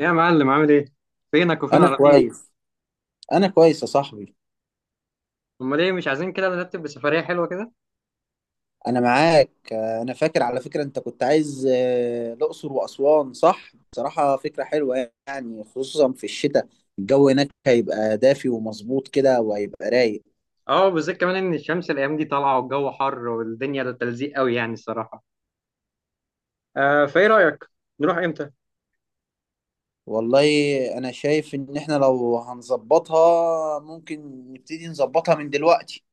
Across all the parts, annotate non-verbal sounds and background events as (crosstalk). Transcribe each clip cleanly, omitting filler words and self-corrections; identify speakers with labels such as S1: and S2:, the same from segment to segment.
S1: إيه يا معلم عامل ايه؟ فينك وفين
S2: انا
S1: اراضيك؟
S2: كويس. انا كويس يا صاحبي.
S1: امال ايه مش عايزين كده نرتب بسفرية حلوة كده؟
S2: انا معاك، انا فاكر على فكرة انت كنت عايز الاقصر واسوان، صح؟ بصراحة فكرة حلوة يعني، خصوصا في الشتاء. الجو هناك هيبقى دافي ومظبوط كده وهيبقى رايق.
S1: اه، بالذات كمان ان الشمس الايام دي طالعة والجو حر والدنيا تلزيق قوي يعني الصراحة. آه، فايه رأيك؟ نروح امتى؟
S2: والله، انا شايف ان احنا لو هنظبطها ممكن نبتدي نظبطها من دلوقتي.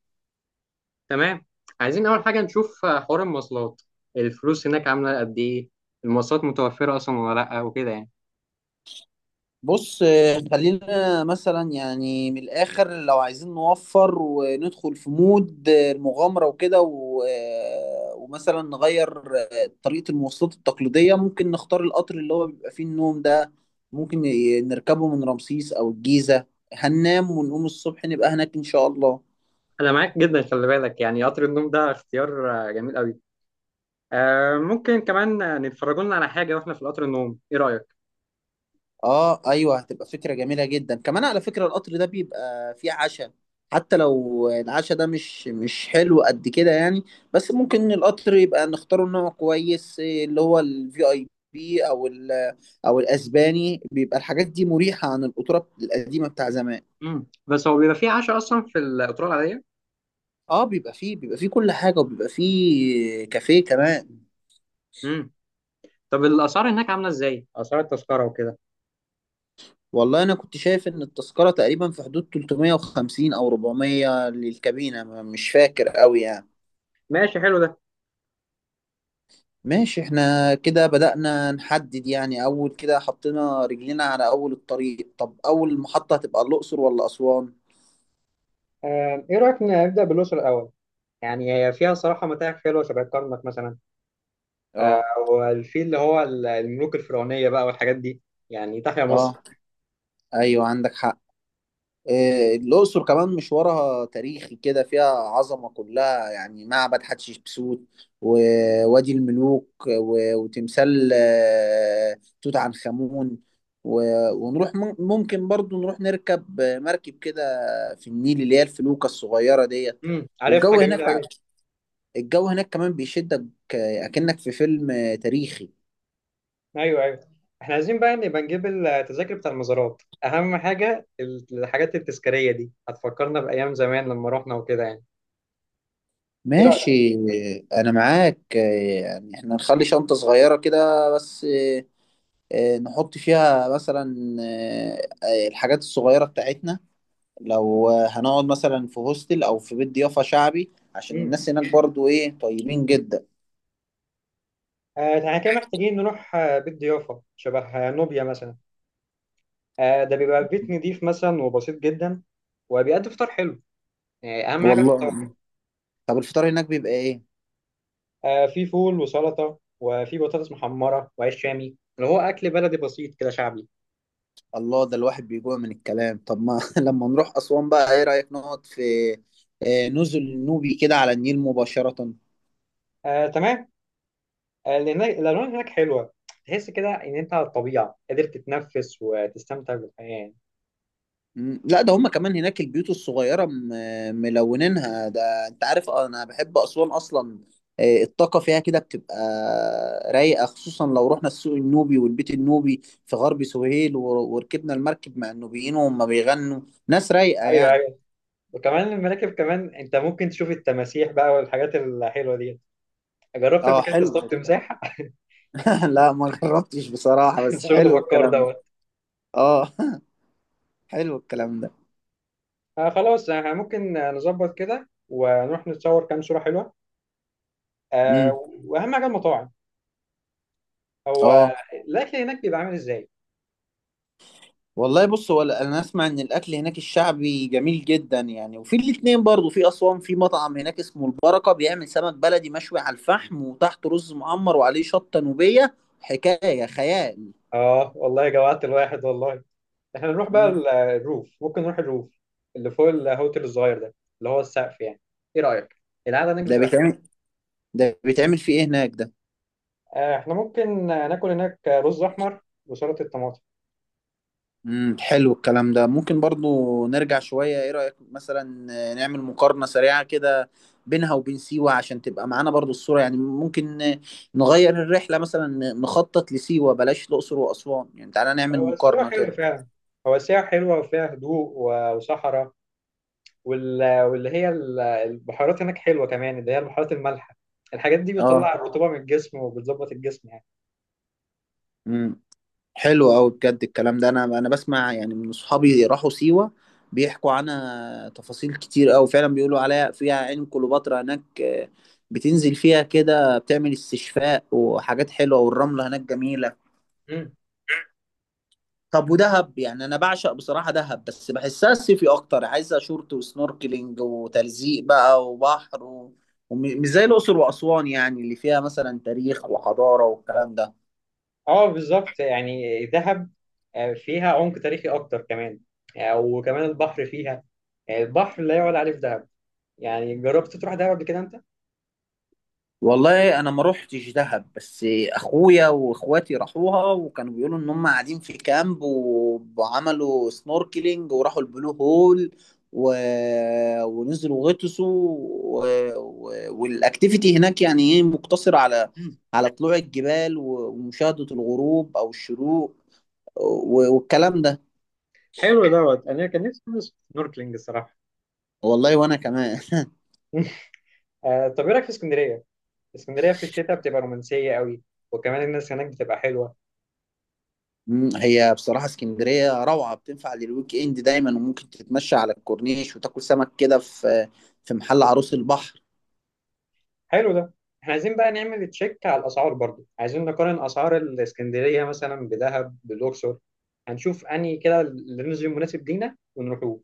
S1: تمام. عايزين اول حاجة نشوف حوار المواصلات. الفلوس هناك عاملة قد ايه؟ المواصلات متوفرة اصلا ولا لا وكده يعني.
S2: بص، خلينا مثلا يعني من الآخر لو عايزين نوفر وندخل في مود المغامرة وكده، ومثلا نغير طريقة المواصلات التقليدية، ممكن نختار القطر اللي هو بيبقى فيه النوم ده. ممكن نركبه من رمسيس أو الجيزة. هننام ونقوم الصبح نبقى هناك إن شاء الله.
S1: انا معاك جدا. خلي بالك يعني قطر النوم ده اختيار جميل قوي. آه، ممكن كمان نتفرجوا لنا على حاجة واحنا في قطر النوم، ايه رأيك؟
S2: اه ايوه، هتبقى فكره جميله جدا، كمان على فكره القطر ده بيبقى فيه عشاء. حتى لو العشاء ده مش حلو قد كده يعني. بس ممكن القطر يبقى نختاره نوع كويس، اللي هو الفي اي بي او ال او الاسباني، بيبقى الحاجات دي مريحه عن القطوره القديمه بتاع زمان.
S1: مم. بس هو بيبقى فيه عشاء اصلا في القطورة العادية؟
S2: اه، بيبقى فيه كل حاجه، وبيبقى فيه كافيه كمان.
S1: مم. طب الاسعار هناك عامله ازاي، اسعار التذكره وكده؟
S2: والله انا كنت شايف ان التذكره تقريبا في حدود 350 او 400 للكابينه، مش فاكر قوي يعني.
S1: ماشي، حلو ده.
S2: ماشي، احنا كده بدأنا نحدد يعني، أول كده حطينا رجلينا على أول الطريق. طب أول محطة هتبقى الأقصر ولا أسوان؟
S1: ايه رايك نبدا بالاقصر الاول؟ يعني هي فيها صراحه متاحف حلوه شبه الكرنك مثلا. آه،
S2: اه
S1: والفيل اللي هو الملوك الفرعونيه بقى والحاجات دي، يعني تحيا مصر.
S2: اه، أيوه عندك حق. إيه، الأقصر كمان مشوارها تاريخي كده، فيها عظمة كلها يعني، معبد حتشبسوت ووادي الملوك وتمثال توت عنخ آمون، ونروح ممكن برضو نروح نركب مركب كده في النيل، اللي هي الفلوكة الصغيرة ديت.
S1: عارفها
S2: والجو هناك
S1: جميله قوي.
S2: الجو هناك كمان بيشدك، اكنك في فيلم تاريخي.
S1: ايوه، ايوه، احنا عايزين بقى نبقى نجيب التذاكر بتاع المزارات، اهم حاجه الحاجات التذكاريه دي هتفكرنا بايام زمان لما رحنا وكده يعني. ايه رايك؟
S2: ماشي. انا معاك، يعني احنا نخلي شنطة صغيرة كده بس، نحط فيها مثلا الحاجات الصغيرة بتاعتنا، لو هنقعد مثلا في هوستل او في بيت ضيافة شعبي، عشان
S1: امم.
S2: الناس هناك برضو ايه طيبين جدا.
S1: احنا كده محتاجين نروح بيت ضيافه شبه نوبيا مثلا. آه، ده بيبقى بيت نضيف مثلا وبسيط جدا، وبيقدم فطار حلو، يعني اهم حاجه الفطار.
S2: والله، طب الفطار هناك بيبقى ايه؟
S1: آه، في فول وسلطه وفي بطاطس محمره وعيش شامي، اللي هو اكل بلدي بسيط كده شعبي.
S2: الله، ده الواحد بيجوع من الكلام. طب ما (laughs) لما نروح أسوان بقى، ايه رأيك نقعد في نزل النوبي كده على النيل مباشرة.
S1: آه، تمام. آه، الالوان هناك حلوه، تحس كده ان انت على الطبيعه قادر تتنفس وتستمتع بالحياه يعني.
S2: مم، لا، ده هما كمان هناك البيوت الصغيرة ملونينها، ده انت عارف، انا بحب أسوان اصلا. الطاقة فيها كده بتبقى رايقة، خصوصا لو رحنا السوق النوبي والبيت النوبي في غرب سهيل وركبنا المركب مع النوبيين وهم بيغنوا، ناس رايقة
S1: ايوه،
S2: يعني.
S1: ايوه، وكمان المراكب، كمان انت ممكن تشوف التماسيح بقى والحاجات الحلوه دي. جربت قبل
S2: اه،
S1: كده
S2: حلو.
S1: تصطاد تمساح؟ (laughs)
S2: (laughs) لا، ما جربتش بصراحة، بس
S1: شغل
S2: حلو
S1: بكار
S2: الكلام ده.
S1: دوت.
S2: اه (laughs) حلو الكلام ده.
S1: آه، خلاص، احنا ممكن نظبط كده ونروح نتصور كام صوره حلوه. آه.
S2: امم.
S1: واهم حاجه المطاعم،
S2: اه
S1: هو الاكل هناك بيبقى عامل ازاي؟
S2: والله، بص، هو انا اسمع ان الاكل هناك الشعبي جميل جدا يعني، وفي الاتنين برضو في اسوان في مطعم هناك اسمه البركه، بيعمل سمك بلدي مشوي على الفحم وتحته رز معمر وعليه شطه نوبيه، حكايه خيال.
S1: اه والله جوعت الواحد والله. احنا نروح بقى
S2: امم.
S1: الروف، ممكن نروح الروف اللي فوق الهوتيل الصغير ده، اللي هو السقف يعني. ايه رايك؟ القعده هناك
S2: ده
S1: بتبقى حلوه.
S2: بيتعمل ده بيتعمل في ايه هناك ده؟
S1: آه، احنا ممكن ناكل هناك رز احمر وسلطه طماطم.
S2: حلو الكلام ده، ممكن برضو نرجع شوية، ايه رأيك مثلا نعمل مقارنة سريعة كده بينها وبين سيوة، عشان تبقى معانا برضو الصورة يعني، ممكن نغير الرحلة مثلا، نخطط لسيوة بلاش الأقصر وأسوان يعني، تعالى نعمل
S1: هو السيوه
S2: مقارنة
S1: حلوه
S2: كده.
S1: فعلا. هو السيوه حلوه وفيها هدوء وصحراء، واللي هي البحيرات هناك حلوه كمان، اللي هي البحيرات المالحه. الحاجات دي
S2: اه.
S1: بتطلع الرطوبه من الجسم وبتظبط الجسم يعني.
S2: امم حلو قوي بجد الكلام ده، انا بسمع يعني من اصحابي راحوا سيوة، بيحكوا عنها تفاصيل كتير قوي، فعلا بيقولوا عليها فيها عين كليوباترا هناك، بتنزل فيها كده بتعمل استشفاء وحاجات حلوة، والرملة هناك جميلة.
S1: مم.
S2: طب ودهب يعني، انا بعشق بصراحه دهب، بس بحسها صيفي اكتر، عايزه شورت وسنوركلينج وتلزيق بقى وبحر، ومش زي الاقصر واسوان يعني، اللي فيها مثلا تاريخ وحضاره والكلام ده.
S1: اه بالظبط، يعني دهب فيها عمق تاريخي اكتر كمان. وكمان البحر فيها، البحر لا يعلى عليه في دهب. يعني جربت تروح دهب قبل كده انت؟
S2: والله، انا ما روحتش دهب، بس اخويا واخواتي راحوها وكانوا بيقولوا ان هم قاعدين في كامب، وعملوا سنوركلينج وراحوا البلو هول، و... ونزلوا غطسوا، و... والاكتيفيتي هناك يعني ايه، مقتصرة على
S1: مم.
S2: على طلوع الجبال ومشاهدة الغروب او الشروق، والكلام ده.
S1: حلو دوت، انا كان نفسي ادرس سنوركلينج الصراحه.
S2: والله وانا كمان.
S1: طب ايه رايك في اسكندريه؟ اسكندريه في الشتاء بتبقى رومانسيه قوي، وكمان الناس هناك بتبقى حلوه.
S2: هي بصراحة اسكندرية روعة، بتنفع للويك اند دايما، وممكن تتمشى على الكورنيش وتاكل سمك كده في محل عروس البحر.
S1: حلو ده. احنا عايزين بقى نعمل تشيك على الاسعار، برضو عايزين نقارن اسعار الاسكندريه مثلا بدهب بالاقصر. هنشوف انهي كده اللي نزل مناسب لينا ونروحوه.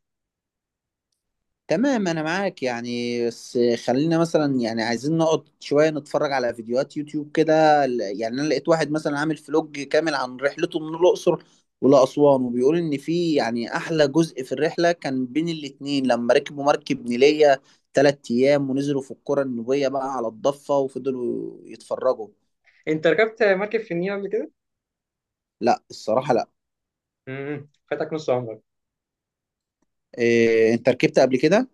S2: تمام، انا معاك يعني، بس خلينا مثلا يعني عايزين نقعد شوية نتفرج على فيديوهات يوتيوب كده، يعني انا لقيت واحد مثلا عامل فلوج كامل عن رحلته من الأقصر ولأسوان، وبيقول ان في يعني احلى جزء في الرحلة كان بين الاتنين، لما ركبوا مركب نيلية تلات ايام ونزلوا في القرى النوبية بقى على الضفة وفضلوا يتفرجوا.
S1: انت ركبت مركب في النيل قبل كده؟
S2: لا، الصراحة لا.
S1: فاتك نص عمرك.
S2: إيه، انت ركبت قبل كده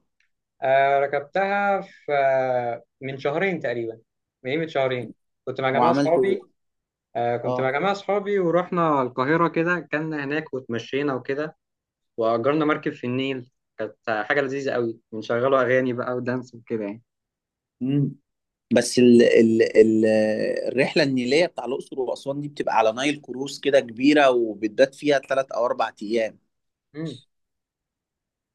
S1: آه، ركبتها في من شهرين تقريبا يعني، من قيمة شهرين. كنت مع جماعة
S2: وعملت
S1: صحابي.
S2: إيه؟
S1: آه، كنت
S2: اه.
S1: مع جماعة صحابي ورحنا القاهرة كده، كنا هناك وتمشينا وكده، وأجرنا مركب في النيل. كانت حاجة لذيذة قوي، بنشغلوا أغاني بقى ودانس وكده يعني.
S2: مم. بس ال... ال... ال... الرحله النيليه بتاع الاقصر واسوان دي بتبقى على نايل كروز كده كبيره، وبتبات فيها ثلاث او اربع ايام،
S1: امم.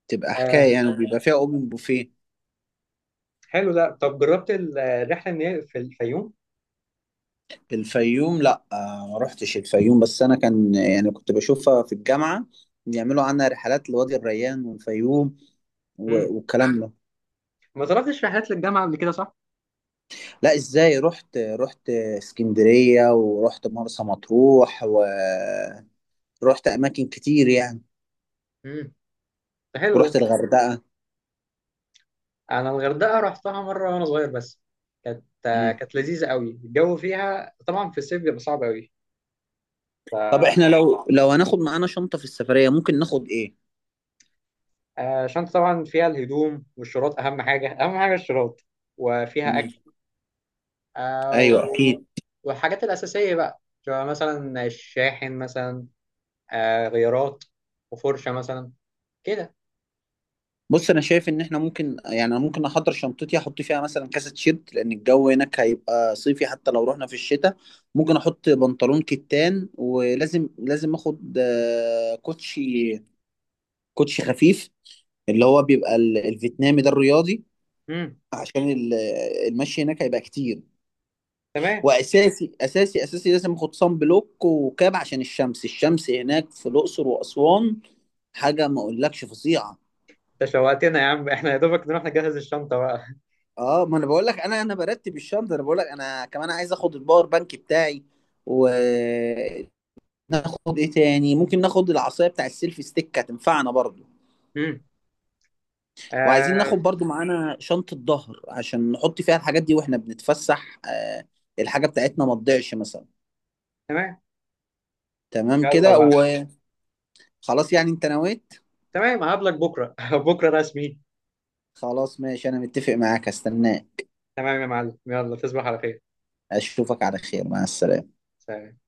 S2: تبقى
S1: آه،
S2: حكايه يعني، وبيبقى فيها اوبن بوفيه.
S1: حلو ده. طب جربت الرحلة النيل في الفيوم؟
S2: الفيوم لا، ما رحتش الفيوم، بس انا كان يعني كنت بشوفها في الجامعه، بيعملوا عنها رحلات لوادي الريان والفيوم
S1: امم.
S2: والكلام ده.
S1: ما طلبتش رحلات للجامعة قبل كده صح؟
S2: لا ازاي، رحت اسكندريه ورحت مرسى مطروح، رحت اماكن كتير يعني،
S1: امم. ده حلو ده.
S2: ورحت الغردقه.
S1: انا الغردقه رحتها مره وانا صغير بس، كانت
S2: مم.
S1: كانت لذيذه قوي. الجو فيها طبعا في الصيف بيبقى صعب قوي.
S2: طب احنا لو هناخد معانا شنطه في السفريه ممكن ناخد ايه؟
S1: فالشنطه طبعا فيها الهدوم والشراط، اهم حاجه اهم حاجه الشراط، وفيها
S2: مم.
S1: اكل. آه،
S2: ايوه
S1: و-
S2: اكيد.
S1: والحاجات الاساسيه بقى شبه مثلا الشاحن مثلا، غيارات، وفرشه مثلا كده.
S2: بص، انا شايف ان احنا ممكن يعني، انا ممكن احضر شنطتي، احط فيها مثلا كاسه تيشيرت لان الجو هناك هيبقى صيفي حتى لو رحنا في الشتاء، ممكن احط بنطلون كتان. ولازم لازم اخد كوتشي خفيف، اللي هو بيبقى الفيتنامي ده الرياضي،
S1: امم.
S2: عشان المشي هناك هيبقى كتير.
S1: تمام.
S2: واساسي اساسي اساسي لازم اخد صن بلوك وكاب، عشان الشمس هناك في الاقصر واسوان حاجه ما اقولكش فظيعه.
S1: انت شوقتنا يا عم (laughs) احنا يا دوبك نروح نجهز الشنطه بقى.
S2: اه، ما انا بقول لك، انا برتب الشنطه. انا بقول لك انا كمان عايز اخد الباور بانك بتاعي، وناخد ايه تاني؟ ممكن ناخد العصايه بتاع السيلفي ستيك، هتنفعنا برضو.
S1: امم.
S2: وعايزين
S1: آه،
S2: ناخد برضو معانا شنطه ظهر، عشان نحط فيها الحاجات دي واحنا بنتفسح، الحاجه بتاعتنا ما تضيعش مثلا.
S1: تمام.
S2: تمام
S1: يلا
S2: كده.
S1: بقى.
S2: وخلاص يعني، انت نويت؟
S1: تمام، هقابلك بكره (laughs) بكره رسمي.
S2: خلاص ماشي، انا متفق معاك، استناك.
S1: تمام يا معلم، يلا تصبح على خير.
S2: اشوفك على خير، مع السلامة.
S1: سلام.